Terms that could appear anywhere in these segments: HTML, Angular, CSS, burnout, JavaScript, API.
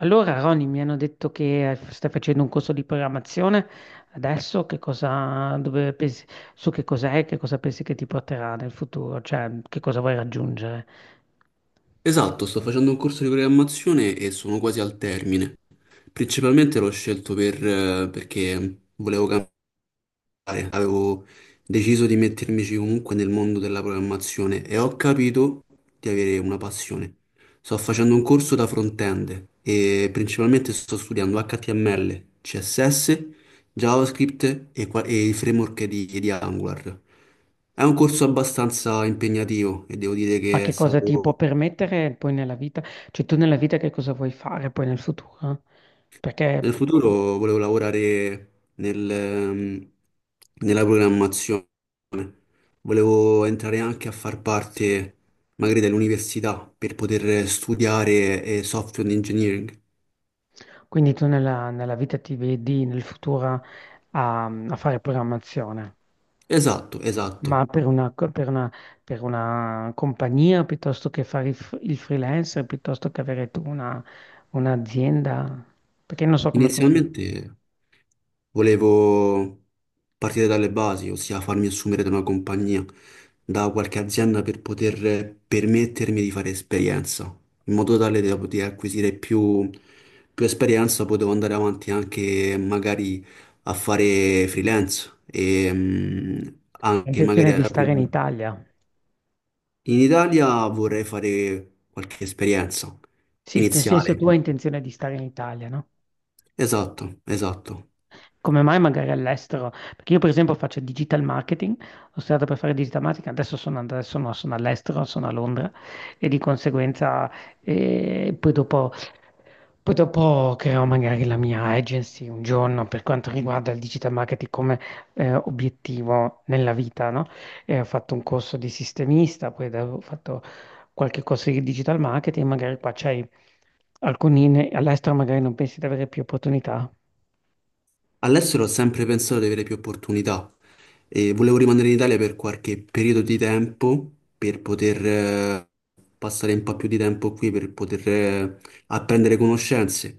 Allora, Roni, mi hanno detto che stai facendo un corso di programmazione. Adesso che cosa, dove pensi, su che cos'è, che cosa pensi che ti porterà nel futuro, cioè che cosa vuoi raggiungere, Esatto, sto facendo un corso di programmazione e sono quasi al termine. Principalmente l'ho scelto perché volevo cambiare, avevo deciso di mettermici comunque nel mondo della programmazione e ho capito di avere una passione. Sto facendo un corso da front-end e principalmente sto studiando HTML, CSS, JavaScript e il framework di Angular. È un corso abbastanza impegnativo e devo dire ma che è che cosa ti può stato... permettere poi nella vita, cioè tu nella vita che cosa vuoi fare poi nel futuro? Perché Nel futuro volevo lavorare nella programmazione, volevo entrare anche a far parte magari dell'università per poter studiare software engineering. quindi tu nella vita ti vedi nel futuro a fare programmazione. Esatto, Ma esatto. per una, per una- per una compagnia piuttosto che fare il freelancer, piuttosto che avere tu una, un'azienda, perché non so come funziona. Inizialmente volevo partire dalle basi, ossia farmi assumere da una compagnia, da qualche azienda per poter permettermi di fare esperienza, in modo tale da poter acquisire più esperienza, potevo andare avanti anche magari a fare freelance e Hai anche magari intenzione ad di stare in aprire. Italia? In Italia vorrei fare qualche esperienza Sì, nel senso iniziale. tu hai intenzione di stare in Italia, no? Esatto, esatto. Come mai magari all'estero? Perché io per esempio faccio digital marketing, ho studiato per fare digital marketing, adesso sono, adesso no, sono all'estero, sono a Londra e di conseguenza eh, poi dopo, poi dopo creerò magari la mia agency un giorno per quanto riguarda il digital marketing come obiettivo nella vita, no? E ho fatto un corso di sistemista, ho fatto qualche corso di digital marketing, magari qua c'hai alcuni, ne- all'estero magari non pensi di avere più opportunità. All'estero ho sempre pensato di avere più opportunità e volevo rimanere in Italia per qualche periodo di tempo per poter passare un po' più di tempo qui, per poter apprendere conoscenze.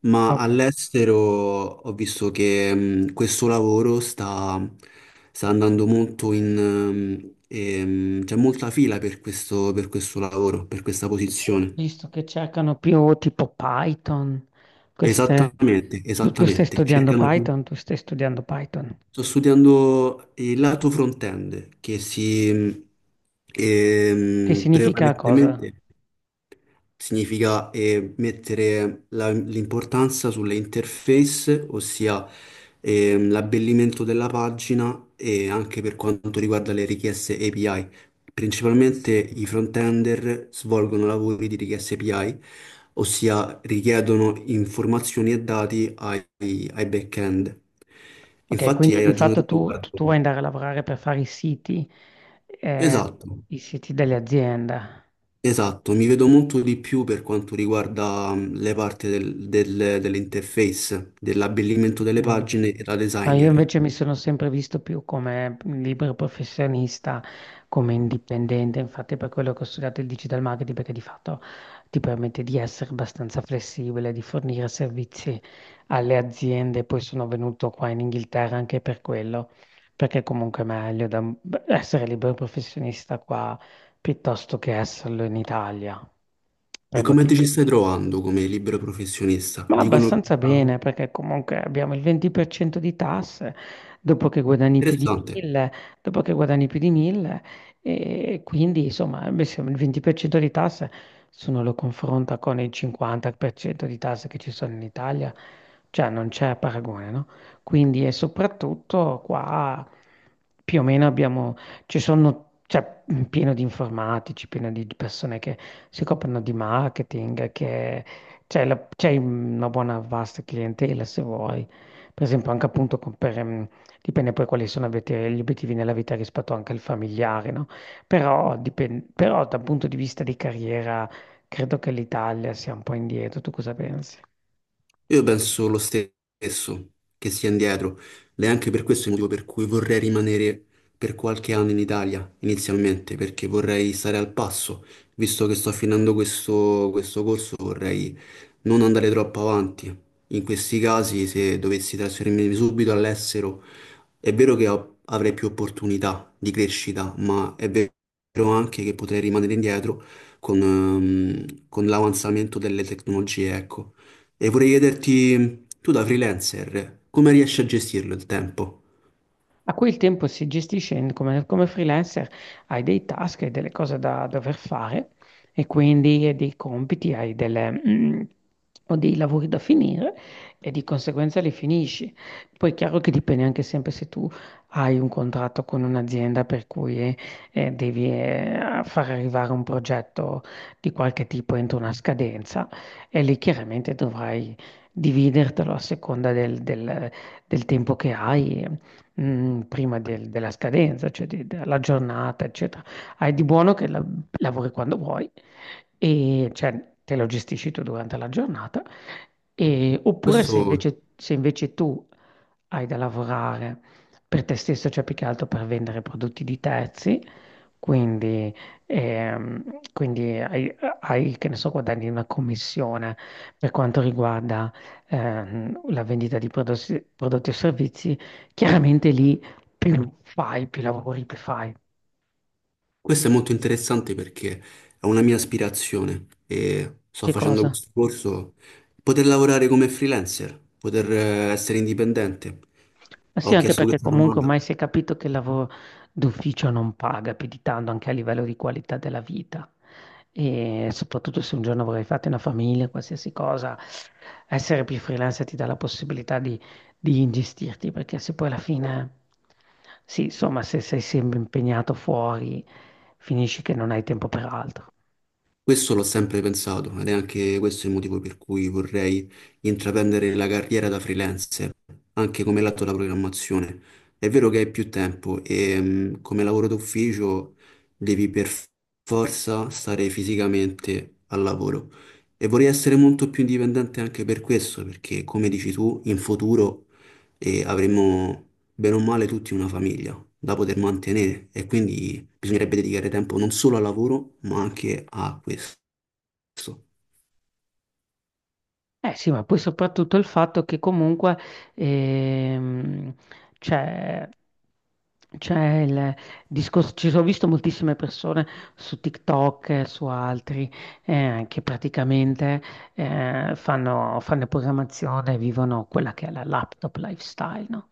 Ma Ok. all'estero ho visto che questo lavoro sta, sta andando molto in... c'è molta fila per questo lavoro, per questa Io ho posizione. visto che cercano più tipo Python, queste... Esattamente, Tu, tu stai esattamente. studiando Cercano più. Python, tu stai studiando Python. Sto studiando il lato front-end, che si Che ehm, significa cosa? prevalentemente significa mettere l'importanza sulle interface, ossia l'abbellimento della pagina e anche per quanto riguarda le richieste API. Principalmente i front-ender svolgono lavori di richieste API, ossia richiedono informazioni e dati ai back-end. Ok, Infatti quindi hai di ragione tu fatto tu, riguardo. tu vuoi andare a lavorare per fare eh, Esatto. i siti delle aziende. Esatto, mi vedo molto di più per quanto riguarda le parti dell'interface, dell'abbellimento delle Mm. pagine e da No, io designer. invece mi sono sempre visto più come libero professionista, come indipendente, infatti per quello che ho studiato il digital marketing, perché di fatto ti permette di essere abbastanza flessibile, di fornire servizi alle aziende, poi sono venuto qua in Inghilterra anche per quello, perché comunque è meglio da- essere libero professionista qua piuttosto che esserlo in Italia, per E come ti motivi ci stai trovando come libero professionista? ma Dicono che abbastanza ah, bene, perché comunque abbiamo il 20% di tasse dopo che guadagni più di interessante. 1000, dopo che guadagni più di 1000 e quindi insomma, beh, se il 20% di tasse, se uno lo confronta con il 50% di tasse che ci sono in Italia, cioè non c'è paragone, no? Quindi e soprattutto qua più o meno abbiamo, ci sono, cioè, pieno di informatici, pieno di persone che si occupano di marketing, che c'è c'è una buona vasta clientela se vuoi, per esempio anche appunto per, dipende poi quali sono gli obiettivi nella vita rispetto anche al familiare, no? Però, però dal punto di vista di carriera credo che l'Italia sia un po' indietro, tu cosa pensi? Io penso lo stesso, che sia indietro. Ed è anche per questo il motivo per cui vorrei rimanere per qualche anno in Italia inizialmente, perché vorrei stare al passo, visto che sto finendo questo corso, vorrei non andare troppo avanti. In questi casi, se dovessi trasferirmi subito all'estero, è vero che avrei più opportunità di crescita, ma è vero anche che potrei rimanere indietro con l'avanzamento delle tecnologie, ecco. E vorrei chiederti, tu da freelancer, come riesci a gestirlo il tempo? A cui il tempo si gestisce come, come freelancer, hai dei task e delle cose da dover fare e quindi hai dei compiti, hai delle, o dei lavori da finire e di conseguenza li finisci. Poi è chiaro che dipende anche sempre se tu hai un contratto con un'azienda per cui devi far arrivare un progetto di qualche tipo entro una scadenza e lì chiaramente dovrai dividertelo a seconda del, del tempo che hai prima della scadenza, cioè della giornata, eccetera. Hai di buono che lavori quando vuoi e cioè, te lo gestisci tu durante la giornata. E- oppure se Questo invece, se invece tu hai da lavorare per te stesso, cioè più che altro per vendere prodotti di terzi, quindi, quindi hai, che ne so, guadagni una commissione per quanto riguarda la vendita di prodotti, prodotti o servizi. Chiaramente lì più fai, più lavori, più fai. Questo è molto interessante perché è una mia aspirazione e sto Che facendo cosa? questo corso, poter lavorare come freelancer, poter essere indipendente. Ma sì, Ho anche chiesto perché questa comunque domanda. ormai si è capito che il lavoro d'ufficio non paga più di tanto anche a livello di qualità della vita. E soprattutto se un giorno vorrei fare una famiglia, qualsiasi cosa, essere più freelancer ti dà la possibilità di ingestirti, perché se poi alla fine, sì, insomma, se sei sempre impegnato fuori, finisci che non hai tempo per altro. Questo l'ho sempre pensato ed è anche questo il motivo per cui vorrei intraprendere la carriera da freelancer, anche come lato della programmazione. È vero che hai più tempo e come lavoro d'ufficio devi per forza stare fisicamente al lavoro e vorrei essere molto più indipendente anche per questo, perché come dici tu, in futuro avremo bene o male tutti una famiglia da poter mantenere e quindi bisognerebbe dedicare tempo non solo al lavoro, ma anche a questo. Eh sì, ma poi soprattutto il fatto che comunque ehm, c'è c'è il discorso, ci sono visto moltissime persone su TikTok, e su altri, che praticamente fanno programmazione, vivono quella che è la laptop lifestyle, no?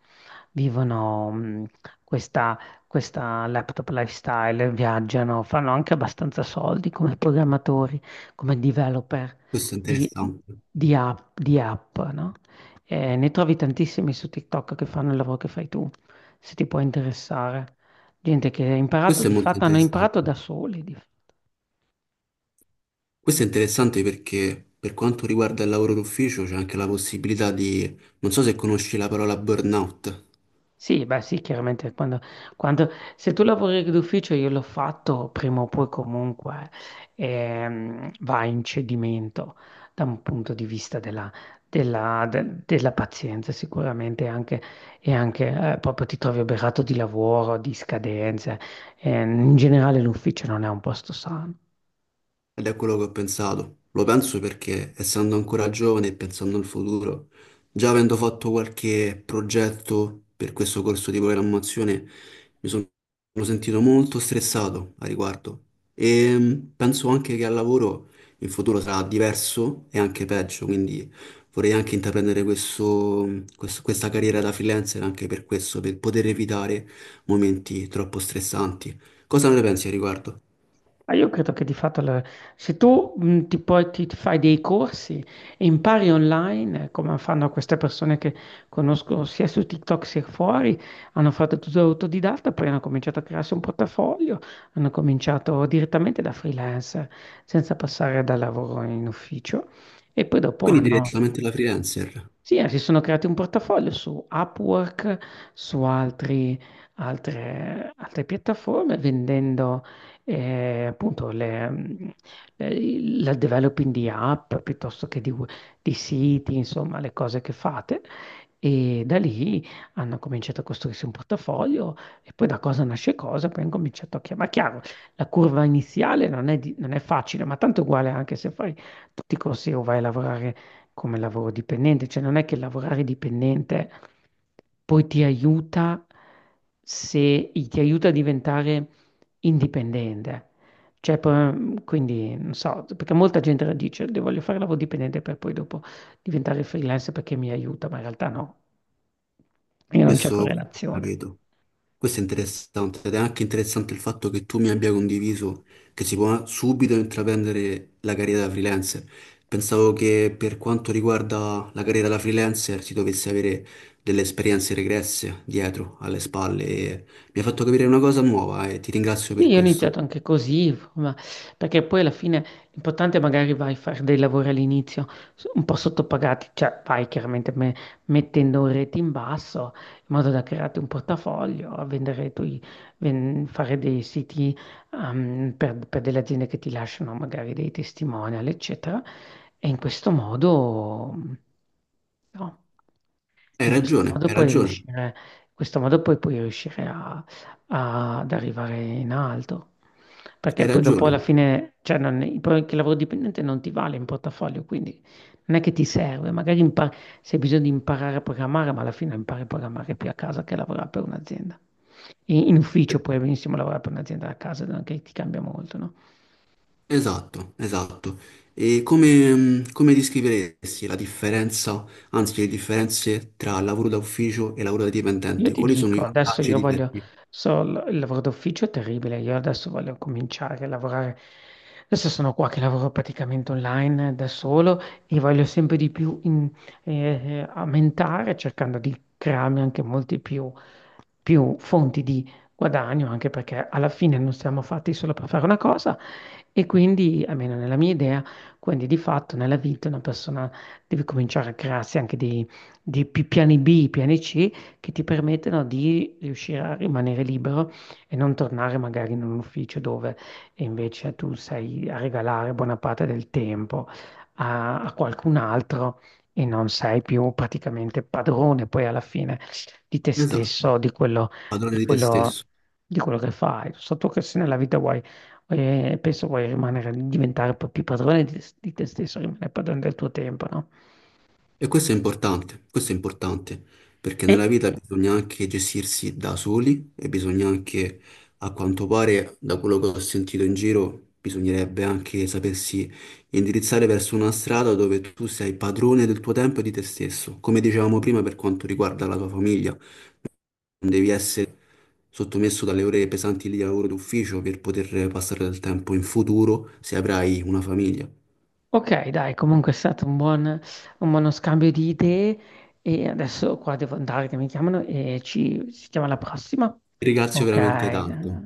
Vivono questa, questa laptop lifestyle, viaggiano, fanno anche abbastanza soldi come programmatori, come developer Questo è di, interessante. Di app, no? Ne trovi tantissimi su TikTok che fanno il lavoro che fai tu, se ti può interessare. Gente che ha imparato, Questo è di molto fatto hanno imparato da interessante. soli. Di- Questo è interessante perché per quanto riguarda il lavoro d'ufficio c'è anche la possibilità di, non so se conosci la parola burnout. Sì, beh sì, chiaramente quando, quando- se tu lavori d'ufficio io l'ho fatto, prima o poi comunque va in cedimento da un punto di vista della, della pazienza sicuramente anche, e anche proprio ti trovi oberato di lavoro, di scadenze. In generale l'ufficio non è un posto sano. Ed è quello che ho pensato. Lo penso perché, essendo ancora giovane e pensando al futuro, già avendo fatto qualche progetto per questo corso di programmazione, mi sono sentito molto stressato a riguardo. E penso anche che al lavoro in futuro sarà diverso e anche peggio, quindi vorrei anche intraprendere questa carriera da freelancer anche per questo, per poter evitare momenti troppo stressanti. Cosa ne pensi a riguardo? Ma io credo che di fatto la- se tu puoi- ti fai dei corsi e impari online, come fanno queste persone che conosco sia su TikTok sia fuori, hanno fatto tutto autodidatta, poi hanno cominciato a crearsi un portafoglio, hanno cominciato direttamente da freelancer, senza passare da lavoro in ufficio, e poi dopo Quindi hanno direttamente la freelancer. sì, si sono creati un portafoglio su Upwork, su altre, altre piattaforme, vendendo appunto le, la developing di app piuttosto che di, di siti, insomma, le cose che fate. E da lì hanno cominciato a costruirsi un portafoglio e poi da cosa nasce cosa, poi hanno cominciato a chiamare. Chiaro, la curva iniziale non è, non è facile, ma tanto uguale anche se fai tutti i corsi o vai a lavorare come lavoro dipendente, cioè non è che lavorare dipendente poi ti aiuta se ti aiuta a diventare indipendente. Cioè, poi, quindi, non so, perché molta gente la dice, "Io voglio fare lavoro dipendente per poi dopo diventare freelance perché mi aiuta, ma in realtà no, io non c'è Questo ho correlazione. capito. Questo è interessante ed è anche interessante il fatto che tu mi abbia condiviso che si può subito intraprendere la carriera da freelancer. Pensavo che per quanto riguarda la carriera da freelancer si dovesse avere delle esperienze regresse dietro, alle spalle. E mi ha fatto capire una cosa nuova e ti ringrazio Sì, per io ho iniziato questo. anche così, ma perché poi alla fine l'importante è magari vai a fare dei lavori all'inizio un po' sottopagati, cioè vai chiaramente mettendo un rete in basso in modo da crearti un portafoglio, a vendere tu, fare dei siti per delle aziende che ti lasciano magari dei testimonial, eccetera. E in questo modo, mm, no, Hai in questo ragione, modo hai puoi ragione, riuscire, in questo modo poi puoi riuscire ad arrivare in alto. hai Perché poi dopo alla ragione. fine, cioè non, che il lavoro dipendente non ti vale in portafoglio, quindi non è che ti serve, magari se hai bisogno di imparare a programmare, ma alla fine impari a programmare più a casa che a lavorare per un'azienda. In, in ufficio puoi benissimo lavorare per un'azienda a casa, non è che ti cambia molto, no? Esatto, esatto. E come descriveresti la differenza, anzi le differenze tra lavoro da ufficio e lavoro da Io dipendente? ti Quali sono i dico, adesso vantaggi io di te? voglio, so, il lavoro d'ufficio è terribile, io adesso voglio cominciare a lavorare, adesso sono qua che lavoro praticamente online da solo e voglio sempre di più eh, aumentare cercando di crearmi anche molti più, più fonti di guadagno, anche perché alla fine non siamo fatti solo per fare una cosa e quindi, almeno nella mia idea, quindi di fatto nella vita una persona deve cominciare a crearsi anche dei, piani B, piani C che ti permettono di riuscire a rimanere libero e non tornare magari in un ufficio dove invece tu sei a regalare buona parte del tempo a, a qualcun altro e non sei più praticamente padrone poi alla fine di te Esatto, stesso, di quello, padrone di di te quello, stesso. di quello che fai. So tu che se nella vita vuoi, penso vuoi rimanere, diventare un po' più padrone di te stesso, rimanere padrone del tuo tempo, no? E questo è importante, perché E nella vita bisogna anche gestirsi da soli e bisogna anche, a quanto pare, da quello che ho sentito in giro, bisognerebbe anche sapersi indirizzare verso una strada dove tu sei padrone del tuo tempo e di te stesso. Come dicevamo prima, per quanto riguarda la tua famiglia, non devi essere sottomesso dalle ore pesanti di lavoro d'ufficio per poter passare del tempo in futuro se avrai una famiglia. Ti Ok, dai, comunque è stato un buon, un buono scambio di idee e adesso qua devo andare che mi chiamano e ci ci sentiamo alla prossima. ringrazio Ok, veramente tanto.